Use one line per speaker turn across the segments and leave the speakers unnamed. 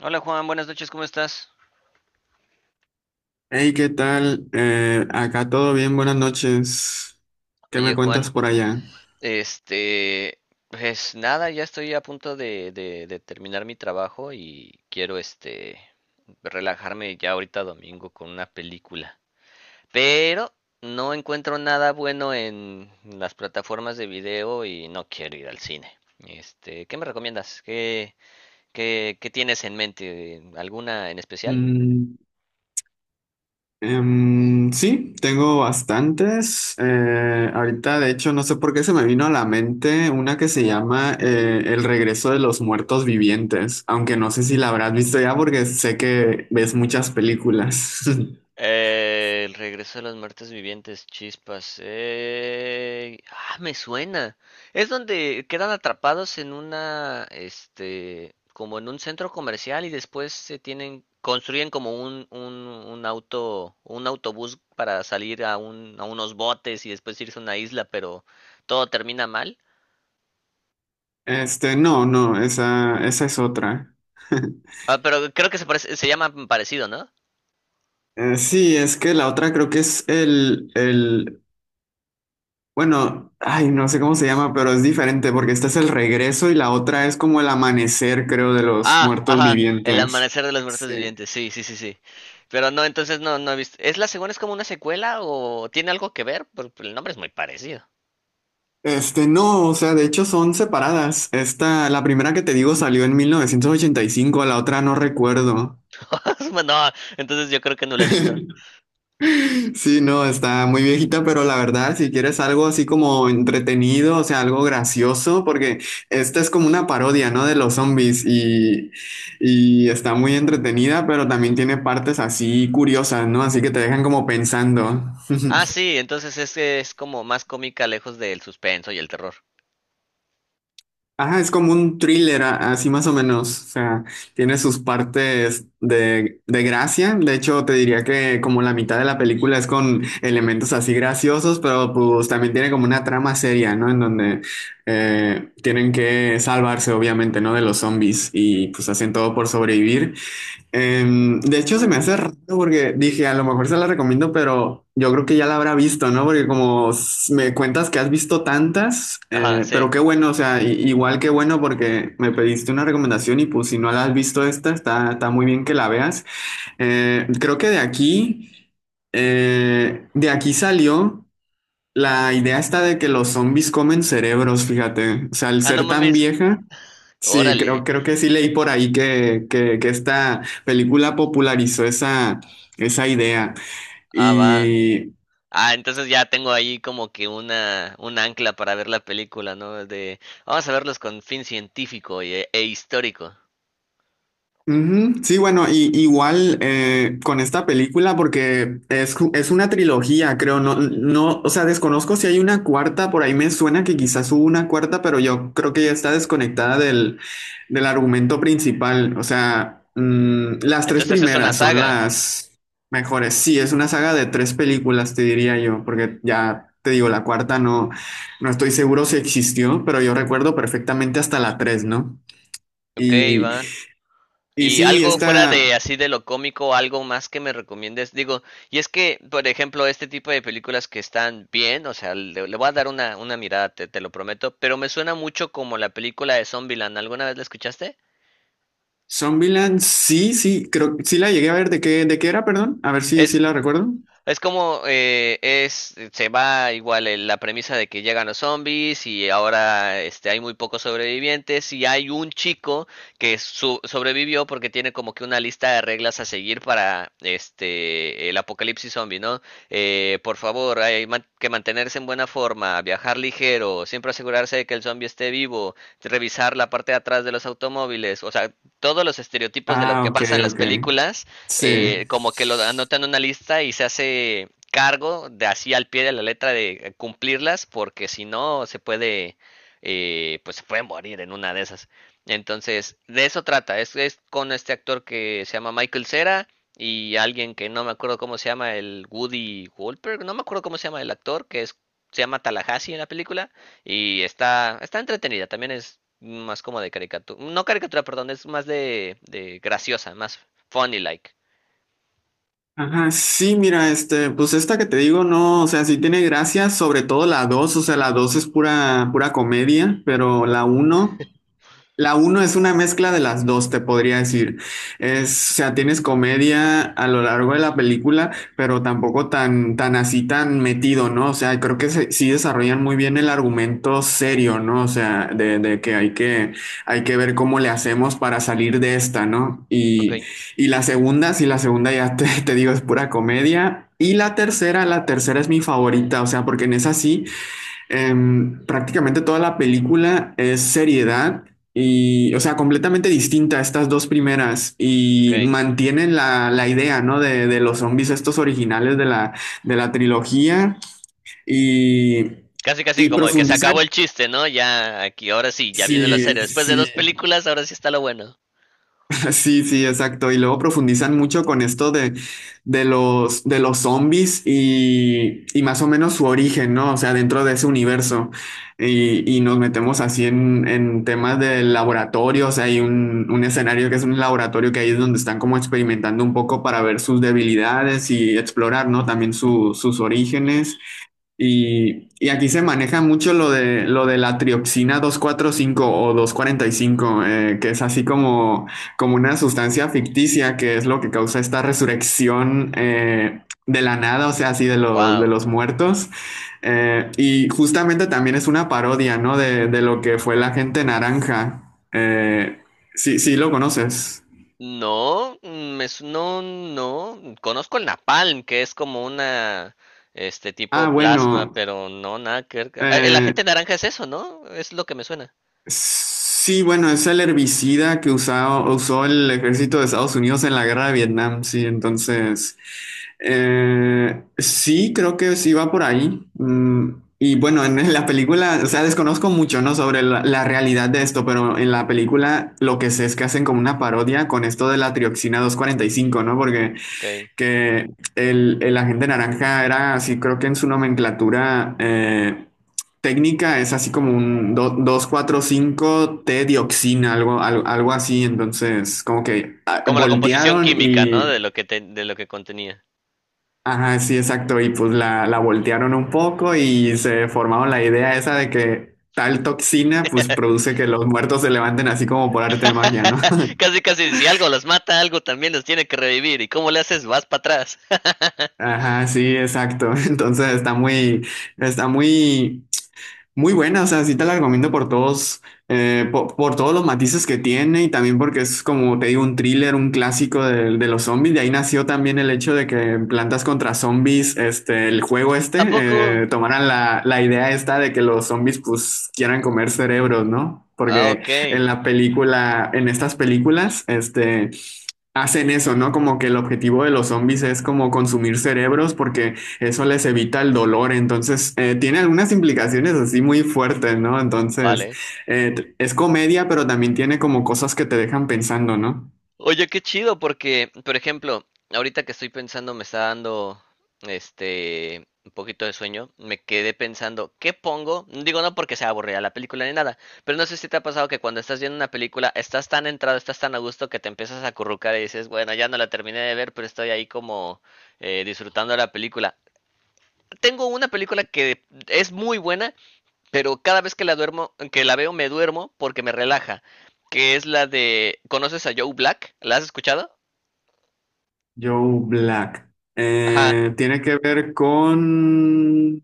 Hola Juan, buenas noches, ¿cómo estás?
Hey, ¿qué tal? Acá todo bien, buenas noches. ¿Qué me
Oye
cuentas
Juan,
por allá?
este, pues nada, ya estoy a punto de terminar mi trabajo y quiero relajarme ya ahorita domingo con una película. Pero no encuentro nada bueno en las plataformas de video y no quiero ir al cine. ¿Qué me recomiendas? ¿Qué tienes en mente? ¿Alguna en especial?
Mm, sí, tengo bastantes. Ahorita, de hecho, no sé por qué se me vino a la mente una que se llama El regreso de los muertos vivientes, aunque no sé si la habrás visto ya porque sé que ves muchas películas.
El regreso de los muertos vivientes, chispas. Ah, me suena. Es donde quedan atrapados en como en un centro comercial y después se tienen, construyen como un auto, un autobús para salir a unos botes y después irse a una isla, pero todo termina mal.
No, no, esa es otra.
Ah, pero creo que se parece, se llama parecido, ¿no?
Sí, es que la otra creo que es el bueno, ay, no sé cómo se llama, pero es diferente porque esta es el regreso y la otra es como el amanecer, creo, de los
Ah,
muertos
ajá, El
vivientes.
amanecer de los muertos
Sí.
vivientes, sí, sí, sí, sí. Pero no, entonces no, no he visto. ¿Es la segunda, es como una secuela o tiene algo que ver? Porque el nombre es muy parecido.
No, o sea, de hecho son separadas. Esta, la primera que te digo, salió en 1985, la otra no recuerdo.
Bueno, no, entonces yo creo que no la he visto.
Sí, no, está muy viejita, pero la verdad, si quieres algo así como entretenido, o sea, algo gracioso, porque esta es como una parodia, ¿no? De los zombies, y está muy entretenida, pero también tiene partes así curiosas, ¿no? Así que te dejan como pensando.
Ah, sí, entonces es como más cómica, lejos del suspenso y el terror.
Ajá, es como un thriller, así más o menos. O sea, tiene sus partes de gracia. De hecho, te diría que como la mitad de la película es con elementos así graciosos, pero pues también tiene como una trama seria, ¿no? En donde tienen que salvarse, obviamente, ¿no? De los zombies, y pues hacen todo por sobrevivir. De hecho, se me hace raro porque dije, a lo mejor se la recomiendo, pero yo creo que ya la habrá visto, ¿no? Porque como me cuentas que has visto tantas,
Ajá,
pero
sí.
qué bueno, o sea, igual qué bueno, porque me pediste una recomendación y pues, si no la has visto, esta, está muy bien que la veas. Creo que de aquí, salió la idea esta de que los zombies comen cerebros, fíjate, o sea, al
Ah, no
ser tan
mames.
vieja. Sí, creo,
Órale.
creo que sí leí por ahí que esta película popularizó esa, esa idea.
Ah, va.
Y
Ah, entonces ya tengo ahí como que un ancla para ver la película, ¿no? Vamos a verlos con fin científico e histórico.
ujú. Sí, bueno, y, igual, con esta película, porque es una trilogía, creo, no, no, o sea, desconozco si hay una cuarta, por ahí me suena que quizás hubo una cuarta, pero yo creo que ya está desconectada del argumento principal, o sea, las tres
Entonces es una
primeras son
saga.
las mejores, sí, es una saga de tres películas, te diría yo, porque ya te digo, la cuarta no, no estoy seguro si existió, pero yo recuerdo perfectamente hasta la tres, ¿no?
Ok,
Y...
va.
Y
Y
sí,
algo fuera
esta,
de así de lo cómico, algo más que me recomiendes. Digo, y es que, por ejemplo, este tipo de películas que están bien, o sea, le voy a dar una mirada, te lo prometo, pero me suena mucho como la película de Zombieland. ¿Alguna vez la escuchaste?
Zombieland, sí, sí, creo sí la llegué a ver. ¿De qué era, perdón? A ver si
Es
la recuerdo.
Es como, se va igual la premisa de que llegan los zombies y ahora hay muy pocos sobrevivientes y hay un chico que sobrevivió porque tiene como que una lista de reglas a seguir para el apocalipsis zombie, ¿no? Por favor, hay que mantenerse en buena forma, viajar ligero, siempre asegurarse de que el zombie esté vivo, revisar la parte de atrás de los automóviles, o sea, todos los estereotipos de lo
Ah,
que
ok,
pasa en las
ok.
películas
Sí.
como que lo anota en una lista y se hace cargo de así al pie de la letra de cumplirlas, porque si no se puede, pues se puede morir en una de esas. Entonces, de eso trata, es con este actor que se llama Michael Cera y alguien que no me acuerdo cómo se llama, el Woody Wolper, no me acuerdo cómo se llama el actor, que es, se llama Tallahassee en la película, y está entretenida, también es más como de caricatura, no caricatura, perdón, es más de graciosa, más funny like.
Ajá, sí, mira, pues esta que te digo, no, o sea, sí tiene gracia, sobre todo la dos, o sea, la 2 es pura, pura comedia, pero la uno es una mezcla de las dos, te podría decir. Es, o sea, tienes comedia a lo largo de la película, pero tampoco tan, tan así, tan metido, ¿no? O sea, creo que sí desarrollan muy bien el argumento serio, ¿no? O sea, de que hay que ver cómo le hacemos para salir de esta, ¿no?
Ok,
Y la segunda, sí, la segunda ya te, te digo, es pura comedia. Y la tercera es mi favorita, o sea, porque en esa sí. Prácticamente toda la película es seriedad y, o sea, completamente distinta a estas dos primeras,
ok.
y mantienen la idea, ¿no? De los zombies estos originales de la trilogía, y,
Casi, casi
y
como de que se
profundizan.
acabó el chiste, ¿no? Ya aquí, ahora sí, ya viene lo
Sí,
serio. Después de dos
sí.
películas, ahora sí está lo bueno.
Sí, sí, exacto. Y luego profundizan mucho con esto de los zombies, y más o menos su origen, ¿no? O sea, dentro de ese universo. Y nos metemos así en temas de laboratorio. O sea, hay un escenario que es un laboratorio, que ahí es donde están como experimentando un poco para ver sus debilidades y explorar, ¿no? También sus orígenes. Y aquí se maneja mucho lo de la trioxina 245 o 245, que es así como una sustancia ficticia, que es lo que causa esta resurrección, de la nada, o sea, así de los, de
Wow.
los muertos. Y justamente también es una parodia, ¿no? De lo que fue la gente naranja. Sí, sí, lo conoces.
No, me es no, no. Conozco el napalm, que es como este
Ah,
tipo plasma,
bueno.
pero no, nada que ver. Ah, el
Eh,
agente naranja es eso, ¿no? Es lo que me suena.
Sí, bueno, es el herbicida que usó el ejército de Estados Unidos en la guerra de Vietnam, sí, entonces, sí, creo que sí va por ahí. Y bueno, en la película, o sea, desconozco mucho, ¿no? Sobre la realidad de esto, pero en la película lo que sé es que hacen como una parodia con esto de la trioxina doscientos cuarenta y cinco, ¿no? Porque
Ok.
que el agente naranja era así, creo que en su nomenclatura, técnica, es así como un 2,4,5-T dioxina algo, algo así. Entonces, como que
Como la composición
voltearon
química, ¿no?
y,
De lo que de lo que contenía.
ajá, sí, exacto. Y pues la voltearon un poco y se formaron la idea esa de que tal toxina pues produce que los muertos se levanten así como por arte de magia, ¿no?
Casi, casi, si algo los mata, algo también los tiene que revivir. ¿Y cómo le haces? Vas para atrás.
Ajá, sí, exacto. Entonces está está muy Muy buena, o sea, sí te la recomiendo por todos, por todos los matices que tiene, y también porque es, como te digo, un thriller, un clásico de los zombies. De ahí nació también el hecho de que en Plantas contra Zombies, el juego
¿A
este,
poco?
tomaran la idea esta de que los zombies pues quieran comer cerebros, ¿no?
Ah,
Porque
ok,
en la película, en estas películas, este... Hacen eso, ¿no? Como que el objetivo de los zombies es como consumir cerebros, porque eso les evita el dolor. Entonces, tiene algunas implicaciones así muy fuertes, ¿no? Entonces,
vale.
es comedia, pero también tiene como cosas que te dejan pensando, ¿no?
Oye, qué chido, porque, por ejemplo, ahorita que estoy pensando, me está dando, un poquito de sueño, me quedé pensando, ¿qué pongo? Digo, no porque sea aburrida la película ni nada, pero no sé si te ha pasado que cuando estás viendo una película, estás tan entrado, estás tan a gusto que te empiezas a acurrucar y dices, bueno, ya no la terminé de ver, pero estoy ahí como disfrutando la película. Tengo una película que es muy buena, pero cada vez que la duermo, que la veo, me duermo porque me relaja. Que es la de. ¿Conoces a Joe Black? ¿La has escuchado?
Joe Black.
Ajá.
Tiene que ver con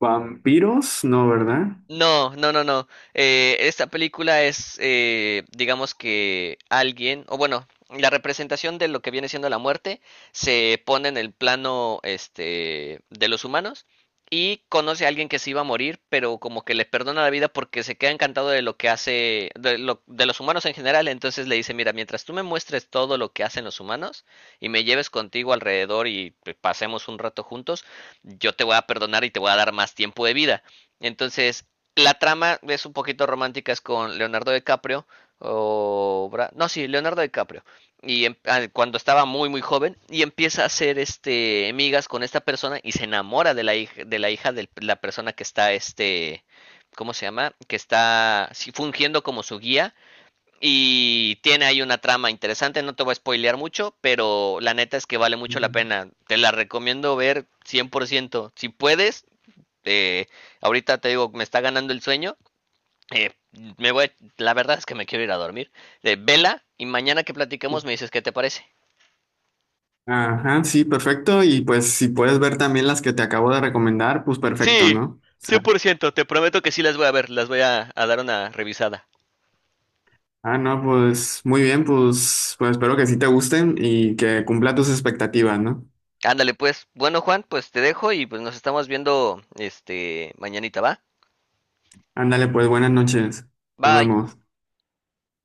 vampiros, ¿no? ¿Verdad?
No, no, no, no. Esta película es, digamos que alguien, o bueno, la representación de lo que viene siendo la muerte se pone en el plano, de los humanos y conoce a alguien que se iba a morir, pero como que le perdona la vida porque se queda encantado de lo que hace, de los humanos en general. Entonces le dice, mira, mientras tú me muestres todo lo que hacen los humanos y me lleves contigo alrededor y pues, pasemos un rato juntos, yo te voy a perdonar y te voy a dar más tiempo de vida. Entonces, la trama es un poquito romántica, es con Leonardo DiCaprio. O Bra- no, sí, Leonardo DiCaprio. Y cuando estaba muy joven, y empieza a hacer este amigas con esta persona y se enamora de la hija, de la hija de la persona que está ¿cómo se llama? Que está sí, fungiendo como su guía. Y tiene ahí una trama interesante, no te voy a spoilear mucho, pero la neta es que vale mucho la
Ujú.
pena. Te la recomiendo ver 100%. Si puedes, eh, ahorita te digo, me está ganando el sueño, eh, me voy, la verdad es que me quiero ir a dormir. Vela y mañana que platiquemos me dices qué te parece.
Ajá, sí, perfecto. Y pues, si puedes ver también las que te acabo de recomendar, pues perfecto,
Sí,
¿no?
100% te prometo que sí las voy a ver, las voy a dar una revisada.
Ah, no, pues muy bien, pues, espero que sí te gusten y que cumpla tus expectativas, ¿no?
Ándale pues. Bueno, Juan, pues te dejo y pues nos estamos viendo este mañanita, ¿va?
Ándale, pues buenas noches. Nos
Bye.
vemos.